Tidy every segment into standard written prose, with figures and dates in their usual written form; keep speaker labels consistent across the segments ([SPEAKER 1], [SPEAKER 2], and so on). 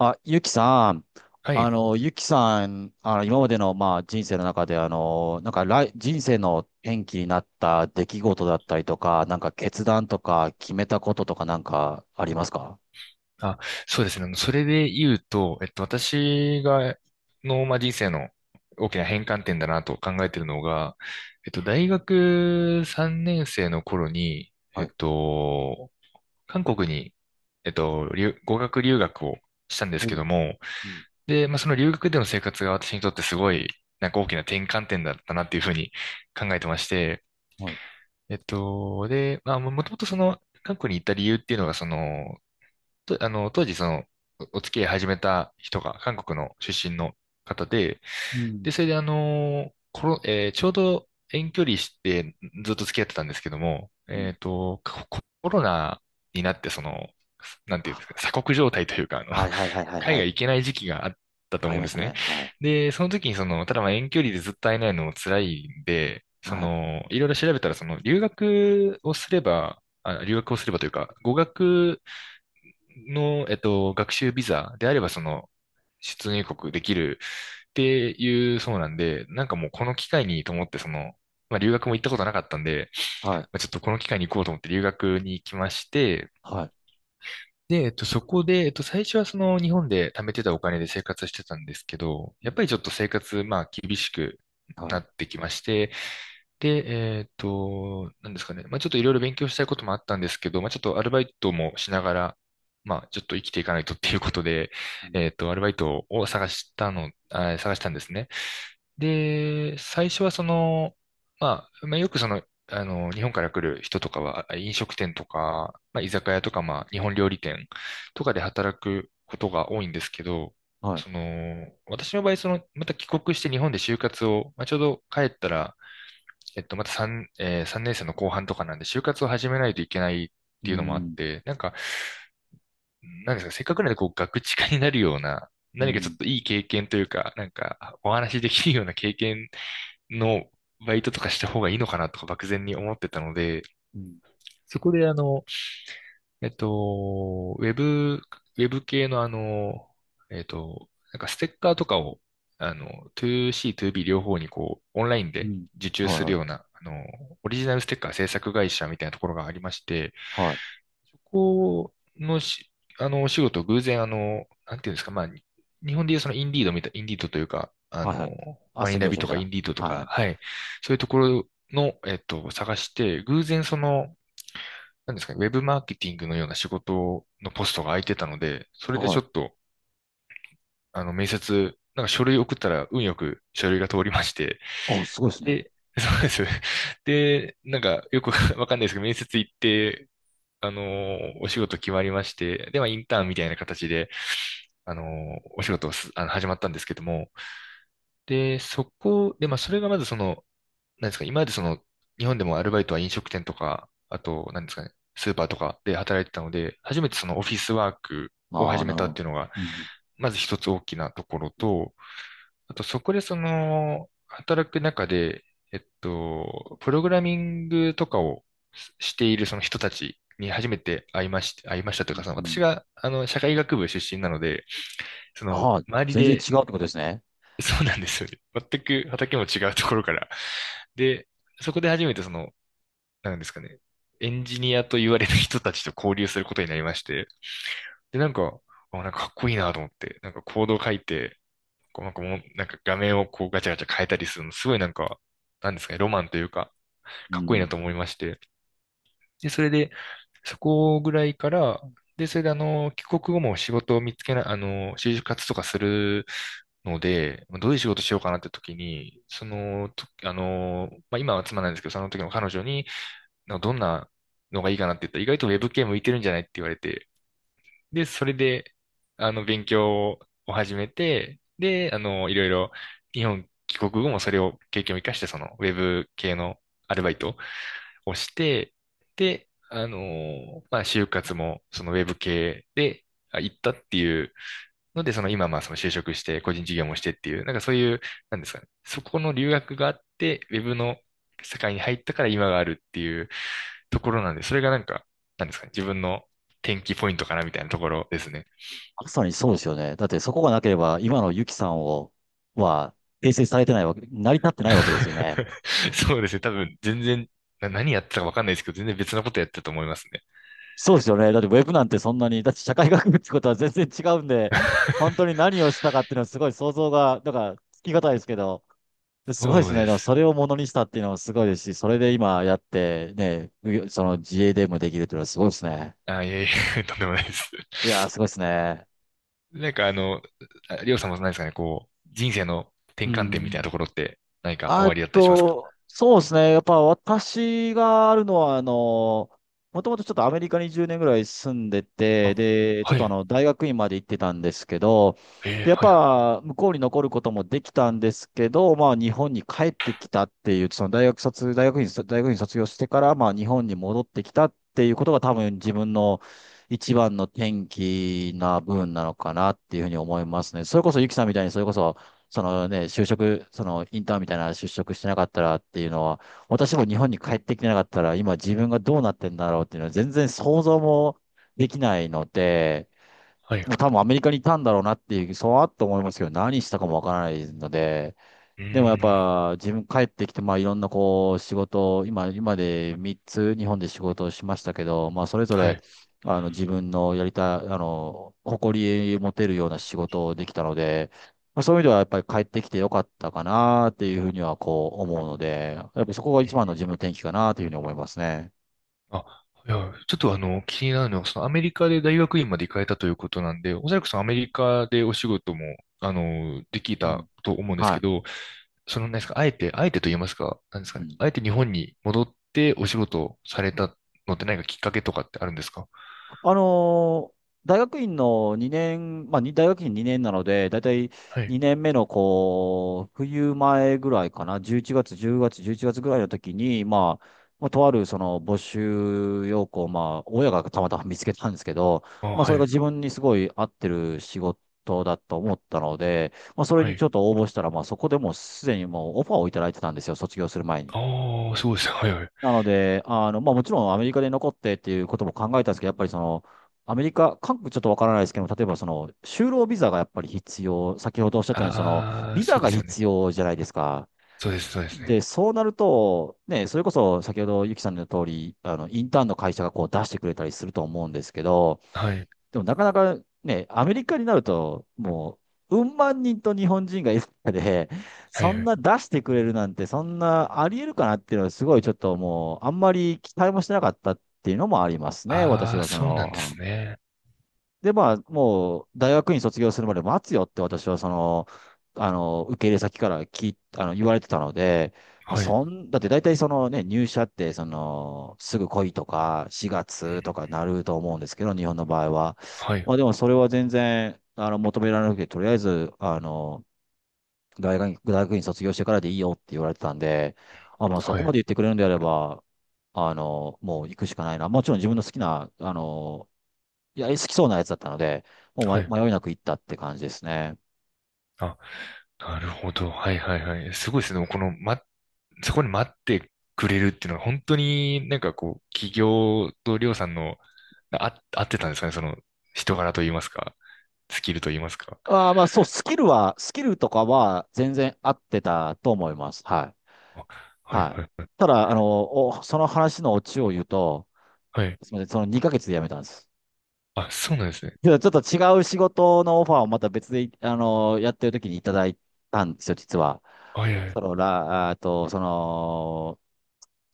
[SPEAKER 1] あ、ゆきさん、
[SPEAKER 2] はい。
[SPEAKER 1] 今までの、まあ、人生の中で、なんか、人生の転機になった出来事だったりとか、なんか、決断とか、決めたこととか、なんか、ありますか？
[SPEAKER 2] あ、そうですね。それで言うと、私が、まあ、人生の大きな変換点だなと考えているのが、大学3年生の頃に、え
[SPEAKER 1] は
[SPEAKER 2] っ
[SPEAKER 1] い。
[SPEAKER 2] と、韓国に、語学留学をしたんです
[SPEAKER 1] お
[SPEAKER 2] け
[SPEAKER 1] う。
[SPEAKER 2] ども、
[SPEAKER 1] うん。
[SPEAKER 2] で、まあ、その留学での生活が私にとってすごい、なんか大きな転換点だったなっていうふうに考えてまして、
[SPEAKER 1] はい。
[SPEAKER 2] で、まあ、もともとその、韓国に行った理由っていうのが、その、当時その、お付き合い始めた人が韓国の出身の方で、
[SPEAKER 1] う
[SPEAKER 2] で、
[SPEAKER 1] ん。
[SPEAKER 2] それでコロ、えーちょうど遠距離してずっと付き合ってたんですけども、
[SPEAKER 1] うん。
[SPEAKER 2] コロナになってその、なんていうんですか、
[SPEAKER 1] あ、
[SPEAKER 2] 鎖国状態というか、
[SPEAKER 1] は いはいはいはい
[SPEAKER 2] 海
[SPEAKER 1] は
[SPEAKER 2] 外
[SPEAKER 1] い。
[SPEAKER 2] 行けない時期があったと
[SPEAKER 1] あり
[SPEAKER 2] 思うん
[SPEAKER 1] ま
[SPEAKER 2] で
[SPEAKER 1] した
[SPEAKER 2] すね。
[SPEAKER 1] ね。はい。
[SPEAKER 2] で、その時にその、ただまあ遠距離でずっと会えないのも辛いんで、そ
[SPEAKER 1] はい。
[SPEAKER 2] の、いろいろ調べたら、その、留学をすれば、あ、留学をすればというか、語学の、学習ビザであれば、その、出入国できるっていうそうなんで、なんかもうこの機会にと思って、その、まあ、留学も行ったことなかったんで、
[SPEAKER 1] はい。
[SPEAKER 2] まあ、ちょっとこの機会に行こうと思って留学に行きまして、
[SPEAKER 1] はい。
[SPEAKER 2] で、そこで、最初はその日本で貯めてたお金で生活してたんですけど、
[SPEAKER 1] う
[SPEAKER 2] やっぱ
[SPEAKER 1] ん、
[SPEAKER 2] りちょっと生活、まあ、厳しくな
[SPEAKER 1] は
[SPEAKER 2] ってきまして、で、なんですかね、まあ、ちょっといろいろ勉強したいこともあったんですけど、まあ、ちょっとアルバイトもしながら、まあ、ちょっと生きていかないとっていうことで、
[SPEAKER 1] い。うん、
[SPEAKER 2] アルバイトを探したの、あ、探したんですね。で、最初はその、まあ、まあ、よくその、日本から来る人とかは、飲食店とか、まあ、居酒屋とか、まあ、日本料理店とかで働くことが多いんですけど、
[SPEAKER 1] はい。
[SPEAKER 2] その、私の場合、その、また帰国して日本で就活を、まあ、ちょうど帰ったら、また3年生の後半とかなんで、就活を始めないといけないっ
[SPEAKER 1] う
[SPEAKER 2] ていうのもあっ
[SPEAKER 1] ん。
[SPEAKER 2] て、なんか、なんですか、せっかくなんで、こう、ガクチカになるような、
[SPEAKER 1] う
[SPEAKER 2] 何かちょ
[SPEAKER 1] ん。
[SPEAKER 2] っといい経験というか、なんか、お話しできるような経験のバイトとかした方がいいのかなとか漠然に思ってたので、
[SPEAKER 1] うん。
[SPEAKER 2] そこでえっと、ウェブ、ウェブ系のなんかステッカーとかを、あの、2C、2B 両方にこう、オンライン
[SPEAKER 1] う
[SPEAKER 2] で
[SPEAKER 1] ん、
[SPEAKER 2] 受注
[SPEAKER 1] はい
[SPEAKER 2] す
[SPEAKER 1] は
[SPEAKER 2] るよう
[SPEAKER 1] い。
[SPEAKER 2] な、オリジナルステッカー制作会社みたいなところがありまして、
[SPEAKER 1] はい。
[SPEAKER 2] そこのお仕事、偶然、なんていうんですか、まあ、日本でいうそのインディードみたい、インディードというか、
[SPEAKER 1] はいはい。
[SPEAKER 2] マ
[SPEAKER 1] 斡
[SPEAKER 2] イ
[SPEAKER 1] 旋
[SPEAKER 2] ナ
[SPEAKER 1] 業
[SPEAKER 2] ビ
[SPEAKER 1] 者み
[SPEAKER 2] と
[SPEAKER 1] たい
[SPEAKER 2] かイ
[SPEAKER 1] な。
[SPEAKER 2] ンディードと
[SPEAKER 1] はいは
[SPEAKER 2] か、
[SPEAKER 1] い。
[SPEAKER 2] はい、そういうところの、探して、偶然その、なんですかね、ウェブマーケティングのような仕事のポストが空いてたので、それで
[SPEAKER 1] は
[SPEAKER 2] ちょ
[SPEAKER 1] い。
[SPEAKER 2] っと、面接、なんか書類送ったら運よく書類が通りまして、
[SPEAKER 1] あ、すごいですね。
[SPEAKER 2] で、そうです。で、なんか、よく わかんないですけど、面接行って、お仕事決まりまして、で、まあ、インターンみたいな形で、お仕事をすあの、始まったんですけども、で、で、まあ、それがまずその、なんですか、今までその、日本でもアルバイトは飲食店とか、あと、なんですかね、スーパーとかで働いてたので、初めてそのオフィスワークを
[SPEAKER 1] ああ、
[SPEAKER 2] 始
[SPEAKER 1] な
[SPEAKER 2] め
[SPEAKER 1] る
[SPEAKER 2] た
[SPEAKER 1] ほ
[SPEAKER 2] って
[SPEAKER 1] ど。
[SPEAKER 2] いうのが、
[SPEAKER 1] うん。
[SPEAKER 2] まず一つ大きなところと、あと、そこでその、働く中で、プログラミングとかをしているその人たちに初めて会いましたという
[SPEAKER 1] う
[SPEAKER 2] か、その私
[SPEAKER 1] ん。
[SPEAKER 2] が、社会学部出身なので、その、
[SPEAKER 1] ああ、
[SPEAKER 2] 周り
[SPEAKER 1] 全然
[SPEAKER 2] で、
[SPEAKER 1] 違うってことですね。
[SPEAKER 2] そうなんですよね。全く畑も違うところから。で、そこで初めてその、なんですかね、エンジニアと言われる人たちと交流することになりまして、で、なんか、あ、なんかかっこいいなと思って、なんかコードを書いて、こうなんかもう、なんか画面をこうガチャガチャ変えたりするの、すごいなんか、なんですかね、ロマンというか、
[SPEAKER 1] う
[SPEAKER 2] かっこいいな
[SPEAKER 1] ん。
[SPEAKER 2] と思いまして。で、それで、そこぐらいから、で、それで帰国後も仕事を見つけない、就活とかするので、まあどういう仕事しようかなって時に、その、とあの、まあ、今は妻なんですけど、その時の彼女に、なんかどんなのがいいかなって言ったら、意外とウェブ系向いてるんじゃないって言われて、で、それで、勉強を始めて、で、いろいろ、日本帰国後もそれを経験を生かして、その、ウェブ系のアルバイトをして、で、まあ、就活も、そのウェブ系で、行ったっていうので、その今、まあ、その就職して、個人事業もしてっていう、なんかそういう、なんですかね。そこの留学があって、ウェブの世界に入ったから今があるっていうところなんで、それがなんか、なんですかね。自分の転機ポイントかなみたいなところですね。
[SPEAKER 1] まさにそうですよね。だってそこがなければ、今のユキさんを、は、形成されてないわけ、成り立ってないわけですよね。
[SPEAKER 2] そうですね。多分、全然、何やってたかわかんないですけど、全然別のことやってたと思いますね。
[SPEAKER 1] そうですよね。だってウェブなんてそんなに、だって社会学部ってことは全然違うんで、本当に 何をしたかっていうのはすごい想像が、だからつきがたいですけど、すごいで
[SPEAKER 2] そ
[SPEAKER 1] す
[SPEAKER 2] う
[SPEAKER 1] ね。
[SPEAKER 2] で
[SPEAKER 1] でも
[SPEAKER 2] す。
[SPEAKER 1] それをものにしたっていうのもすごいですし、それで今やってね、その自営でもできるっていうのはすごいですね。
[SPEAKER 2] あ、いえいえ、とんでもないです。
[SPEAKER 1] いやー、すごいですね。
[SPEAKER 2] なんかありょうさんも何ですかね、こう、人生の
[SPEAKER 1] う
[SPEAKER 2] 転換点みたいな
[SPEAKER 1] ん。
[SPEAKER 2] ところって何か終
[SPEAKER 1] あ
[SPEAKER 2] わりだったりしますか？
[SPEAKER 1] と、そうですね。やっぱ私があるのは、もともとちょっとアメリカに10年ぐらい住んでて、
[SPEAKER 2] あ、
[SPEAKER 1] で、ちょっ
[SPEAKER 2] は
[SPEAKER 1] と
[SPEAKER 2] い。
[SPEAKER 1] 大学院まで行ってたんですけど、
[SPEAKER 2] えー、
[SPEAKER 1] で、やっ
[SPEAKER 2] はいはい。
[SPEAKER 1] ぱ向こうに残ることもできたんですけど、まあ日本に帰ってきたっていう、その大学院卒業してから、まあ日本に戻ってきたっていうことが多分自分の一番の転機な部分なのかなっていうふうに思いますね。それこそゆきさんみたいに、それこそそのね、そのインターンみたいな就職してなかったらっていうのは、私も日本に帰ってきてなかったら、今自分がどうなってんだろうっていうのは全然想像もできないので、
[SPEAKER 2] はい。
[SPEAKER 1] もう多分アメリカにいたんだろうなっていう、そうあっと思いますけど、何したかもわからないので、
[SPEAKER 2] う
[SPEAKER 1] でもやっ
[SPEAKER 2] ーん。
[SPEAKER 1] ぱ自分帰ってきて、まあいろんなこう仕事を、今で3つ日本で仕事をしましたけど、まあそれぞ
[SPEAKER 2] は
[SPEAKER 1] れ、
[SPEAKER 2] い。
[SPEAKER 1] 自分のやりたい、誇り持てるような仕事をできたので、まあそういう意味ではやっぱり帰ってきてよかったかなっていうふうにはこう思うので、やっぱりそこが一番の自分の転機かなというふうに思いますね。
[SPEAKER 2] あ、いや、ちょっと気になるのは、そのアメリカで大学院まで行かれたということなんで、おそらくそのアメリカでお仕事も、でき
[SPEAKER 1] うん。
[SPEAKER 2] たと思うんですけ
[SPEAKER 1] は
[SPEAKER 2] ど、その、なんですか、あえて、あえてと言いますか、なんです
[SPEAKER 1] い。う
[SPEAKER 2] かね、
[SPEAKER 1] ん。
[SPEAKER 2] あえて日本に戻ってお仕事をされたのって何かきっかけとかってあるんですか？
[SPEAKER 1] あのー大学院の2年、まあ、に大学院2年なので、だいたい
[SPEAKER 2] はい。
[SPEAKER 1] 2年目のこう、冬前ぐらいかな、11月、10月、11月ぐらいの時に、まあ、とあるその募集要項、まあ、親がたまたま見つけたんですけど、
[SPEAKER 2] あ、
[SPEAKER 1] まあ、
[SPEAKER 2] は
[SPEAKER 1] それが
[SPEAKER 2] い。
[SPEAKER 1] 自分にすごい合ってる仕事だと思ったので、まあ、それ
[SPEAKER 2] は
[SPEAKER 1] にち
[SPEAKER 2] い。
[SPEAKER 1] ょっと応募したら、まあ、そこでもうすでにもうオファーをいただいてたんですよ、卒業する前に。
[SPEAKER 2] ああ、そうですね。はいはい。
[SPEAKER 1] なので、まあもちろんアメリカで残ってっていうことも考えたんですけど、やっぱりその、アメリカ、韓国ちょっとわからないですけど例えばその、就労ビザがやっぱり必要、先ほどおっしゃったように、その、
[SPEAKER 2] ああ、
[SPEAKER 1] ビ
[SPEAKER 2] そ
[SPEAKER 1] ザ
[SPEAKER 2] うで
[SPEAKER 1] が
[SPEAKER 2] すよね。
[SPEAKER 1] 必要じゃないですか。
[SPEAKER 2] そうです、そうです
[SPEAKER 1] で、
[SPEAKER 2] ね。
[SPEAKER 1] そうなると、ね、それこそ先ほどゆきさんの言う通り、インターンの会社がこう出してくれたりすると思うんですけど、
[SPEAKER 2] はい。
[SPEAKER 1] でもなかなかね、アメリカになると、もう、うん万人と日本人がいる中で、
[SPEAKER 2] は
[SPEAKER 1] そ
[SPEAKER 2] い
[SPEAKER 1] ん
[SPEAKER 2] はい。
[SPEAKER 1] な出してくれるなんて、そんなありえるかなっていうのは、すごいちょっともう、あんまり期待もしてなかったっていうのもありますね、私
[SPEAKER 2] ああ、
[SPEAKER 1] がそ
[SPEAKER 2] そうなんで
[SPEAKER 1] の、
[SPEAKER 2] すね。
[SPEAKER 1] で、まあ、もう、大学院卒業するまで待つよって私は、その、受け入れ先から聞い、あの、言われてたので、まあ、
[SPEAKER 2] はい。うん。
[SPEAKER 1] だって大体そのね、入社って、その、すぐ来いとか、4月とかなると思うんですけど、日本の場合は。
[SPEAKER 2] はい。
[SPEAKER 1] まあ、でもそれは全然、求められなくて、とりあえず、大学院卒業してからでいいよって言われてたんで、あ、まあ、そ
[SPEAKER 2] は
[SPEAKER 1] こま
[SPEAKER 2] い。
[SPEAKER 1] で言ってくれるんであれば、もう行くしかないな。もちろん自分の好きな、いや、好きそうなやつだったので、も
[SPEAKER 2] は
[SPEAKER 1] う
[SPEAKER 2] い。
[SPEAKER 1] ま迷いなく行ったって感じですね。
[SPEAKER 2] あ、なるほど。はいはいはい。すごいですね。この、ま、そこに待ってくれるっていうのは、本当になんかこう、企業とりょうさんの、あ、合ってたんですかね。その、人柄と言いますか、スキルと言いますか。
[SPEAKER 1] ああ、まあそう、スキルとかは全然合ってたと思います。は
[SPEAKER 2] あ、
[SPEAKER 1] い。
[SPEAKER 2] はい
[SPEAKER 1] はい。
[SPEAKER 2] はいはい。
[SPEAKER 1] ただ、その話のオチを言うと、
[SPEAKER 2] はい。
[SPEAKER 1] すみません、その2ヶ月で辞めたんです。
[SPEAKER 2] あ、そうなんですね。
[SPEAKER 1] けどちょっと違う仕事のオファーをまた別で、やってる時にいただいたんですよ、実は。
[SPEAKER 2] はいはい。
[SPEAKER 1] あと、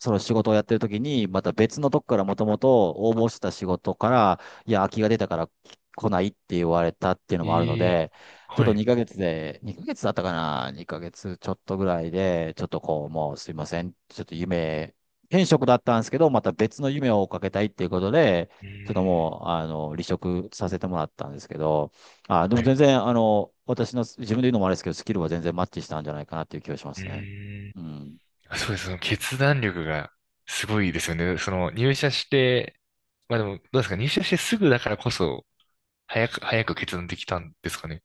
[SPEAKER 1] その仕事をやってる時に、また別のとこからもともと応募してた仕事から、いや、空きが出たから来ないって言われたっていうのもあるの
[SPEAKER 2] ええ。
[SPEAKER 1] で、ちょっ
[SPEAKER 2] は
[SPEAKER 1] と
[SPEAKER 2] い。
[SPEAKER 1] 2ヶ月で、2ヶ月だったかな？ 2 ヶ月ちょっとぐらいで、ちょっとこう、もうすいません。ちょっと転職だったんですけど、また別の夢を追っかけたいっていうことで、
[SPEAKER 2] うー
[SPEAKER 1] ちょっと
[SPEAKER 2] ん。
[SPEAKER 1] もう、離職させてもらったんですけど、あ、で
[SPEAKER 2] は
[SPEAKER 1] も
[SPEAKER 2] い。
[SPEAKER 1] 全然、自分で言うのもあれですけど、スキルは全然マッチしたんじゃないかなっていう気がしま
[SPEAKER 2] う
[SPEAKER 1] すね。
[SPEAKER 2] ーん。
[SPEAKER 1] うん。
[SPEAKER 2] そうです。その決断力がすごいですよね。その入社して、まあでも、どうですか、入社してすぐだからこそ、早く、早く決断できたんですかね。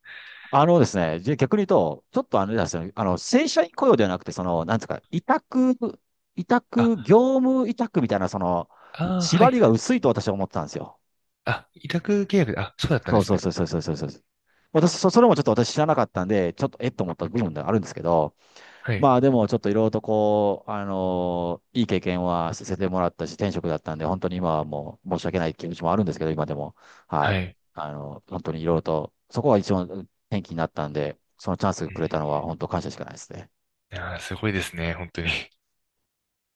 [SPEAKER 1] あのですね、じゃあ逆に言うと、ちょっとあれなんですよね、正社員雇用ではなくて、その、なんですか、委託、委託、
[SPEAKER 2] あ、
[SPEAKER 1] 業務委託みたいな、その、
[SPEAKER 2] ああ、は
[SPEAKER 1] 縛
[SPEAKER 2] い、
[SPEAKER 1] りが
[SPEAKER 2] はい。
[SPEAKER 1] 薄いと私は思ってたんですよ。
[SPEAKER 2] あ、委託契約で、あ、そうだったん
[SPEAKER 1] そ
[SPEAKER 2] で
[SPEAKER 1] う
[SPEAKER 2] す
[SPEAKER 1] そう
[SPEAKER 2] ね。
[SPEAKER 1] そうそうそうそうそう。それもちょっと私知らなかったんで、ちょっとえっと思った部分ではあるんですけど、
[SPEAKER 2] はい、
[SPEAKER 1] まあでもちょっといろいろとこう、いい経験はさせてもらったし、転職だったんで、本当に今はもう申し訳ない気持ちもあるんですけど、今でも。は
[SPEAKER 2] は
[SPEAKER 1] い。
[SPEAKER 2] い。
[SPEAKER 1] 本当にいろいろと、そこが一番転機になったんで、そのチャンス
[SPEAKER 2] うん。
[SPEAKER 1] くれたのは本当感謝しかないですね。
[SPEAKER 2] いやー、すごいですね、本当に。